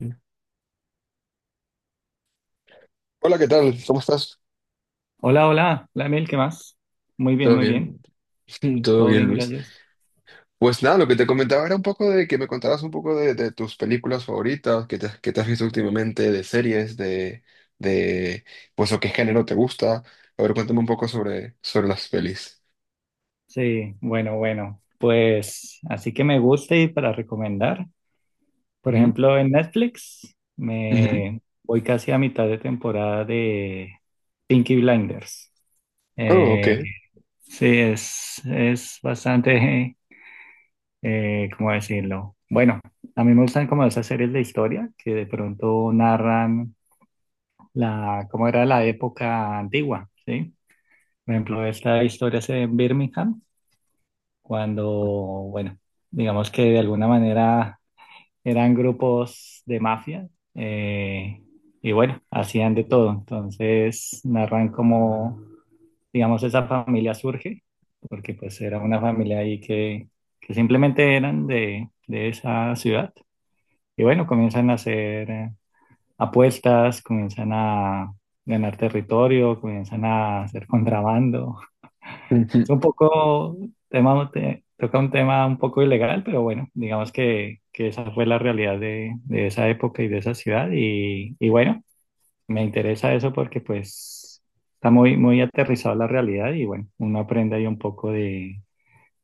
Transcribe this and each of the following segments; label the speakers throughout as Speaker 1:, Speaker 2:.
Speaker 1: Hola, ¿qué tal? ¿Cómo estás?
Speaker 2: Hola, hola, hola Emil, ¿qué más?
Speaker 1: Todo
Speaker 2: Muy bien,
Speaker 1: bien, todo
Speaker 2: todo
Speaker 1: bien,
Speaker 2: bien,
Speaker 1: Luis.
Speaker 2: gracias.
Speaker 1: Pues nada, lo que te comentaba era un poco de que me contaras un poco de tus películas favoritas, que te has visto últimamente, de series, de pues o qué género te gusta. A ver, cuéntame un poco sobre las pelis.
Speaker 2: Sí, bueno, bueno, pues así que me gusta y para recomendar, por
Speaker 1: Ujú,
Speaker 2: ejemplo, en Netflix
Speaker 1: ujú.
Speaker 2: me voy casi a mitad de temporada de Pinky Blinders.
Speaker 1: Oh, ok.
Speaker 2: Eh, sí, es bastante, ¿cómo decirlo? Bueno, a mí me gustan como esas series de historia que de pronto narran la, cómo era la época antigua, ¿sí? Por ejemplo, esta historia se ve en Birmingham, cuando, bueno, digamos que de alguna manera eran grupos de mafia eh, y bueno, hacían de todo. Entonces narran cómo, digamos, esa familia surge, porque pues era una familia ahí que simplemente eran de esa ciudad. Y bueno, comienzan a hacer apuestas, comienzan a ganar territorio, comienzan a hacer contrabando.
Speaker 1: Ujú.
Speaker 2: Es un poco, tema, toca un tema un poco ilegal, pero bueno, digamos que esa fue la realidad de esa época y de esa ciudad. Y bueno, me interesa eso porque pues está muy, muy aterrizado la realidad y bueno, uno aprende ahí un poco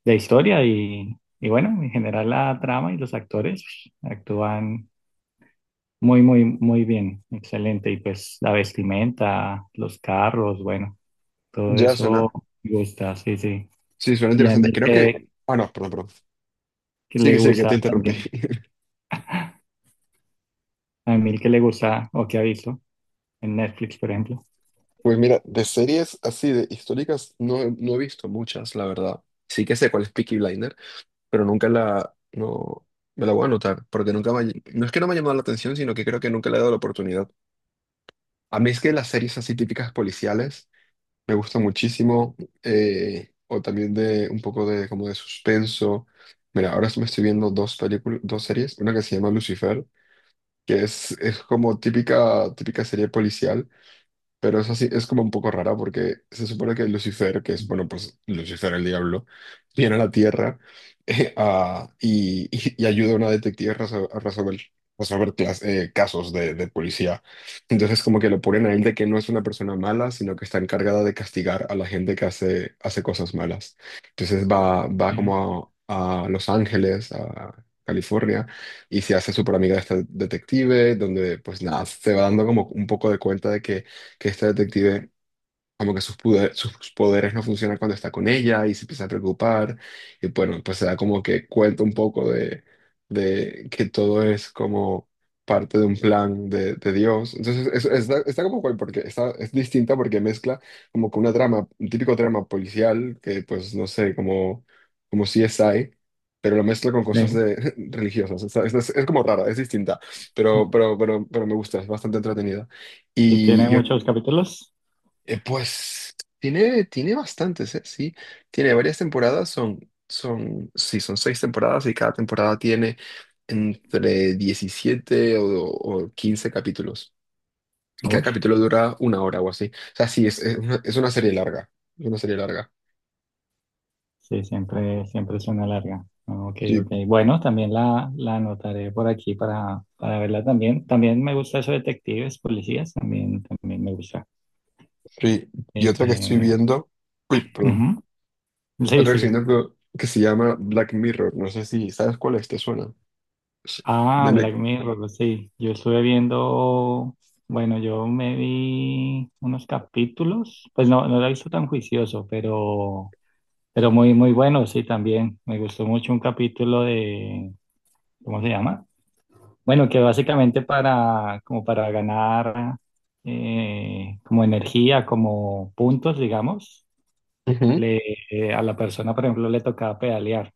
Speaker 2: de historia y bueno, en general la trama y los actores actúan muy, muy, muy bien, excelente. Y pues la vestimenta, los carros, bueno, todo
Speaker 1: Ya
Speaker 2: eso
Speaker 1: suena.
Speaker 2: me gusta, sí, sí.
Speaker 1: Sí, suena
Speaker 2: Y a
Speaker 1: interesante.
Speaker 2: mí
Speaker 1: Creo que... Ah, no, perdón, perdón.
Speaker 2: que
Speaker 1: Sigue,
Speaker 2: le
Speaker 1: sigue, que te
Speaker 2: gusta
Speaker 1: interrumpí.
Speaker 2: también. A mí que le gusta o que ha visto en Netflix, por ejemplo.
Speaker 1: Pues mira, de series así, de históricas, no, no he visto muchas, la verdad. Sí que sé cuál es Peaky Blinders, pero nunca la, no, me la voy a anotar, porque nunca me, no es que no me ha llamado la atención, sino que creo que nunca le he dado la oportunidad. A mí es que las series así típicas policiales me gustan muchísimo, o también de un poco de como de suspenso. Mira, ahora me estoy viendo dos películas, dos series, una que se llama Lucifer, que es, como típica, típica serie policial, pero es así, es como un poco rara porque se supone que Lucifer, que es, bueno, pues Lucifer el diablo, viene a la Tierra. Y ayuda a una detective a a resolver casos de policía. Entonces como que lo ponen a él de que no es una persona mala, sino que está encargada de castigar a la gente que hace cosas malas. Entonces va, va
Speaker 2: Ujú.
Speaker 1: como a, a Los Ángeles, a California, y se hace súper amiga de esta detective, donde pues nada, se va dando como un poco de cuenta de que esta detective, como que sus, sus poderes no funcionan cuando está con ella y se empieza a preocupar. Y bueno, pues se da como que cuenta un poco de que todo es como parte de un plan de Dios. Entonces, eso está, como cual, porque está, es distinta porque mezcla como con una trama, un típico trama policial, que pues no sé, como CSI. Pero lo mezcla con cosas
Speaker 2: Sí.
Speaker 1: de, religiosas. Es como rara, es distinta. Pero me gusta, es bastante entretenida.
Speaker 2: Y
Speaker 1: Y
Speaker 2: tiene
Speaker 1: yo
Speaker 2: muchos capítulos.
Speaker 1: Pues tiene, bastantes, ¿eh? Sí, tiene varias temporadas, sí, son 6 temporadas y cada temporada tiene entre 17 o 15 capítulos. Y cada
Speaker 2: Uy.
Speaker 1: capítulo dura una hora o así. O sea, sí, es, es una serie larga, es una serie larga.
Speaker 2: Sí, siempre, siempre es una larga. Ok,
Speaker 1: Sí,
Speaker 2: ok. Bueno, también la anotaré por aquí para verla también. También me gusta eso de detectives, policías, también, también me gusta.
Speaker 1: sí. Y
Speaker 2: Eh,
Speaker 1: otra que estoy
Speaker 2: eh,
Speaker 1: viendo, uy, perdón,
Speaker 2: ujú. Sí,
Speaker 1: otra que estoy
Speaker 2: sigue.
Speaker 1: viendo que se llama Black Mirror, no sé si sabes cuál es, ¿te suena? Sí,
Speaker 2: Ah,
Speaker 1: de
Speaker 2: Black
Speaker 1: Ne-
Speaker 2: Mirror, pues sí. Yo estuve viendo, bueno, yo me vi unos capítulos, pues no, no lo he visto tan juicioso, pero muy, muy bueno, sí, también. Me gustó mucho un capítulo de, ¿cómo se llama? Bueno, que básicamente para, como para ganar, como energía, como puntos, digamos,
Speaker 1: Ujú.
Speaker 2: le, a la persona, por ejemplo, le tocaba pedalear,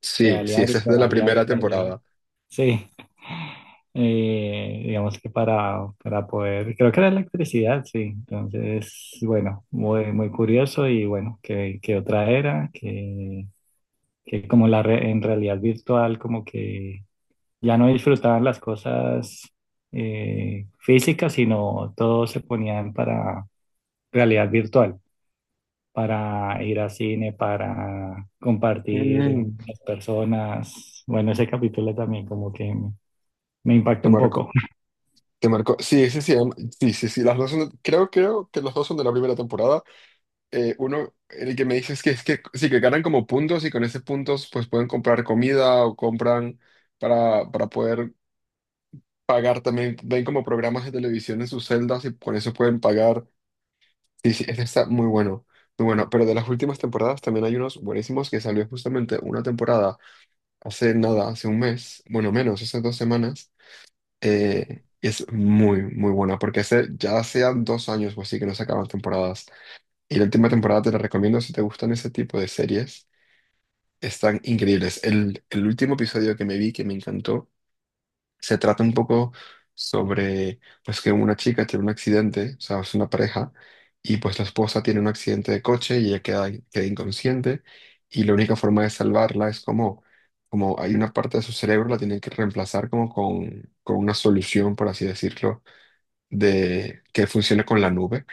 Speaker 1: Sí, sí,
Speaker 2: pedalear y
Speaker 1: esa es de la
Speaker 2: pedalear y
Speaker 1: primera
Speaker 2: pedalear.
Speaker 1: temporada.
Speaker 2: Sí, digamos que para poder, creo que era electricidad, sí. Entonces, bueno, muy, muy curioso y bueno, que otra era, que como la en realidad virtual, como que ya no disfrutaban las cosas físicas, sino todo se ponían para realidad virtual, para ir al cine, para compartir con
Speaker 1: Mm.
Speaker 2: las personas. Bueno, ese capítulo también como que me
Speaker 1: Te
Speaker 2: impactó un poco.
Speaker 1: marco, te marco. Sí, sí, sí, sí, sí, sí. Las dos son, creo que los dos son de la primera temporada. Uno, el que me dices que es que sí, que ganan como puntos y con esos puntos pues pueden comprar comida o compran para poder pagar también. Ven como programas de televisión en sus celdas y con eso pueden pagar. Sí, sí, ese está muy bueno, muy bueno. Pero de las últimas temporadas también hay unos buenísimos que salió justamente una temporada hace nada, hace un mes, bueno, menos, hace 2 semanas. Es muy, muy buena, porque hace ya hacían 2 años o así que no sacaban temporadas. Y la última temporada te la recomiendo si te gustan ese tipo de series. Están increíbles. El último episodio que me vi, que me encantó, se trata un poco sobre, pues, que una chica tiene un accidente, o sea, es una pareja, y pues la esposa tiene un accidente de coche y ella queda inconsciente, y la única forma de salvarla es como hay una parte de su cerebro, la tienen que reemplazar como con una solución, por así decirlo, de que funcione con la nube.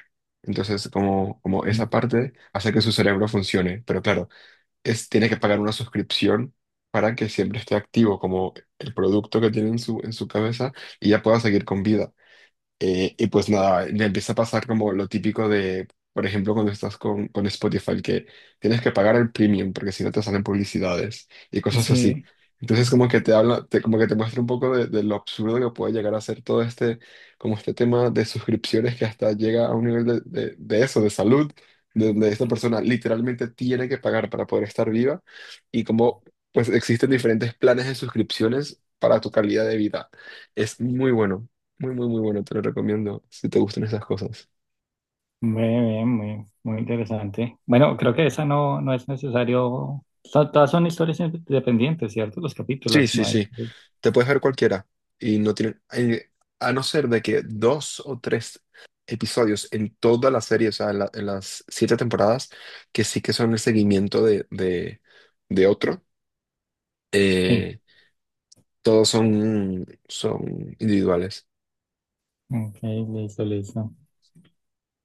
Speaker 1: Entonces, como esa
Speaker 2: Sí,
Speaker 1: parte hace que su cerebro funcione, pero claro, tiene que pagar una suscripción para que siempre esté activo como el producto que tiene en su cabeza y ya pueda seguir con vida. Y pues nada, le empieza a pasar como lo típico de, por ejemplo, cuando estás con, Spotify, que tienes que pagar el premium porque si no te salen publicidades y cosas así. Entonces como que te habla, como que te muestra un poco de lo absurdo que puede llegar a ser todo este, como este tema de suscripciones que hasta llega a un nivel de, de eso, de salud, de donde esta persona literalmente tiene que pagar para poder estar viva y como pues existen diferentes planes de suscripciones para tu calidad de vida. Es muy bueno. Muy, muy, muy bueno, te lo recomiendo si te gustan esas cosas.
Speaker 2: muy bien, muy, muy interesante. Bueno, creo que esa no, no es necesario. Todas son historias independientes, ¿cierto? Los
Speaker 1: Sí,
Speaker 2: capítulos,
Speaker 1: sí,
Speaker 2: no hay.
Speaker 1: sí. Te puedes ver cualquiera y no tiene, a no ser de que 2 o 3 episodios en toda la serie, o sea, en las 7 temporadas, que sí que son el seguimiento de, de otro,
Speaker 2: Sí.
Speaker 1: eh, todos son, son individuales.
Speaker 2: Ok, listo, listo.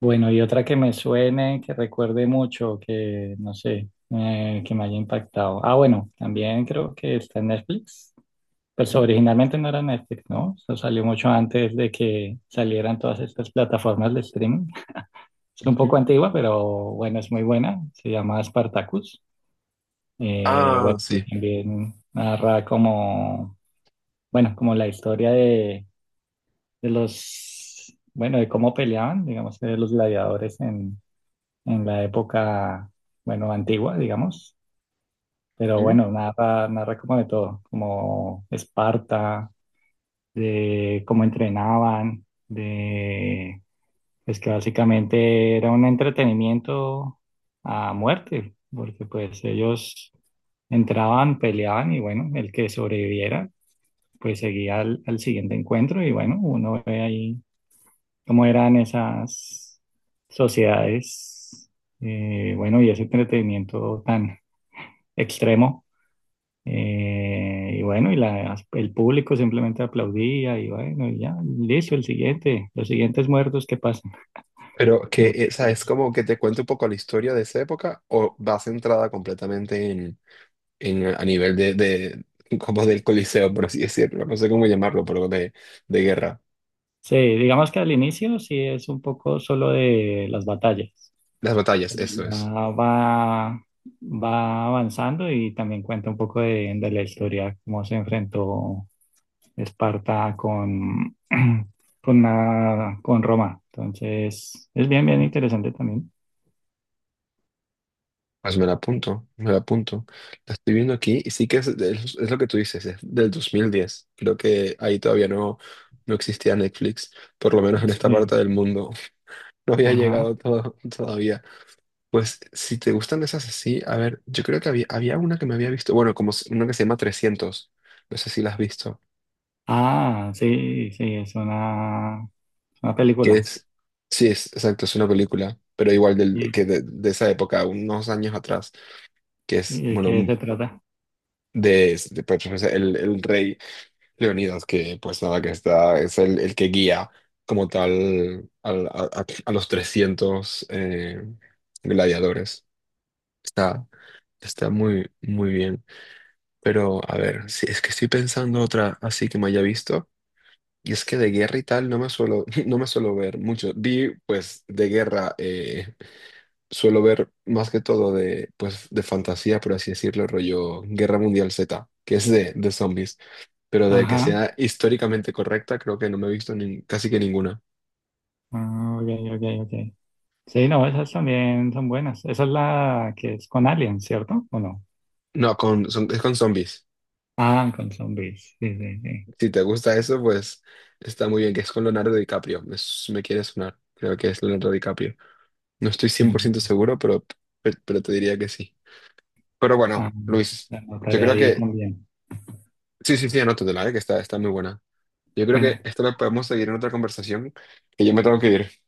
Speaker 2: Bueno, y otra que me suene, que recuerde mucho, que no sé, que me haya impactado. Ah, bueno, también creo que está en Netflix. Pues
Speaker 1: Ujú,
Speaker 2: originalmente no era Netflix, ¿no? Eso salió mucho antes de que salieran todas estas plataformas de streaming. Es un poco
Speaker 1: ujú.
Speaker 2: antigua, pero bueno, es muy buena. Se llama Spartacus.
Speaker 1: Ah,
Speaker 2: Bueno,
Speaker 1: sí.
Speaker 2: también narra como, bueno, como la historia de los, bueno, de cómo peleaban, digamos, de los gladiadores en la época, bueno, antigua, digamos. Pero
Speaker 1: Ujú.
Speaker 2: bueno, narra, narra como de todo, como Esparta, de cómo entrenaban, de pues que básicamente era un entretenimiento a muerte, porque pues ellos entraban, peleaban y bueno, el que sobreviviera pues seguía al siguiente encuentro y bueno, uno ve ahí cómo eran esas sociedades, bueno, y ese entretenimiento tan extremo. eh, y bueno, y el público simplemente aplaudía y bueno, y ya, listo, el siguiente, los siguientes muertos que pasan.
Speaker 1: Pero que, o sea, es
Speaker 2: Entonces,
Speaker 1: como que te cuente un poco la historia de esa época o va centrada completamente a nivel de, como del Coliseo, por así decirlo, no sé cómo llamarlo, pero de guerra.
Speaker 2: sí, digamos que al inicio sí es un poco solo de las batallas.
Speaker 1: Las batallas, eso
Speaker 2: Ya
Speaker 1: es.
Speaker 2: va, va avanzando y también cuenta un poco de la historia, cómo se enfrentó Esparta con, con, con Roma. Entonces, es bien, bien
Speaker 1: Mm.
Speaker 2: interesante también.
Speaker 1: Pues me la apunto, me la apunto. La estoy viendo aquí y sí que es, es lo que tú dices, es del 2010. Creo que ahí todavía no, no existía Netflix, por lo menos en esta
Speaker 2: Sí,
Speaker 1: parte del mundo. No había
Speaker 2: ajá.
Speaker 1: llegado todo, todavía. Pues si te gustan esas así, a ver, yo creo que había una que me había visto, bueno, una que se llama 300. No sé si la has visto.
Speaker 2: Ah, sí, sí, es una
Speaker 1: Que
Speaker 2: película.
Speaker 1: es, sí, es exacto, es una película, pero igual del,
Speaker 2: ¿Y,
Speaker 1: que de, de esa época, unos años atrás, que es,
Speaker 2: y de
Speaker 1: bueno,
Speaker 2: qué se trata?
Speaker 1: pues, el rey Leonidas, que pues nada, que es el que guía como tal a los 300 gladiadores. Está, está muy, muy bien. Pero, a ver, si es que estoy pensando otra así que me haya visto. Y es que de guerra y tal no me suelo, no me suelo ver mucho. Vi, pues, de guerra, suelo ver más que todo de, pues, de fantasía, por así decirlo, rollo Guerra Mundial Z, que es de, zombies, pero de que
Speaker 2: Ajá.
Speaker 1: sea históricamente correcta, creo que no me he visto casi que ninguna.
Speaker 2: Ah, ok, ok, ok. Sí, no, esas también son buenas. Esa es la que es con aliens, ¿cierto? ¿O no?
Speaker 1: No, es con zombies.
Speaker 2: Ah, con zombies. Sí, sí, sí.
Speaker 1: Si te gusta eso, pues está muy bien, que es con Leonardo DiCaprio. Me quiere sonar, creo que es Leonardo DiCaprio. No estoy 100%
Speaker 2: Mm.
Speaker 1: seguro, pero, pero te diría que sí. Pero
Speaker 2: Ah,
Speaker 1: bueno, Luis,
Speaker 2: la
Speaker 1: yo
Speaker 2: anotaré
Speaker 1: creo
Speaker 2: ahí
Speaker 1: que...
Speaker 2: también.
Speaker 1: Sí, sí, sí, anótatela, que está, muy buena. Yo creo que
Speaker 2: Bueno.
Speaker 1: esto lo podemos seguir en otra conversación, que yo me tengo que ir.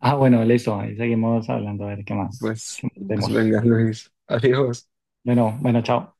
Speaker 2: Ah, bueno, listo. Ahí seguimos hablando a ver qué más.
Speaker 1: Pues,
Speaker 2: ¿Qué más
Speaker 1: pues
Speaker 2: tenemos?
Speaker 1: venga, Luis. Adiós.
Speaker 2: Bueno, bueno, chao.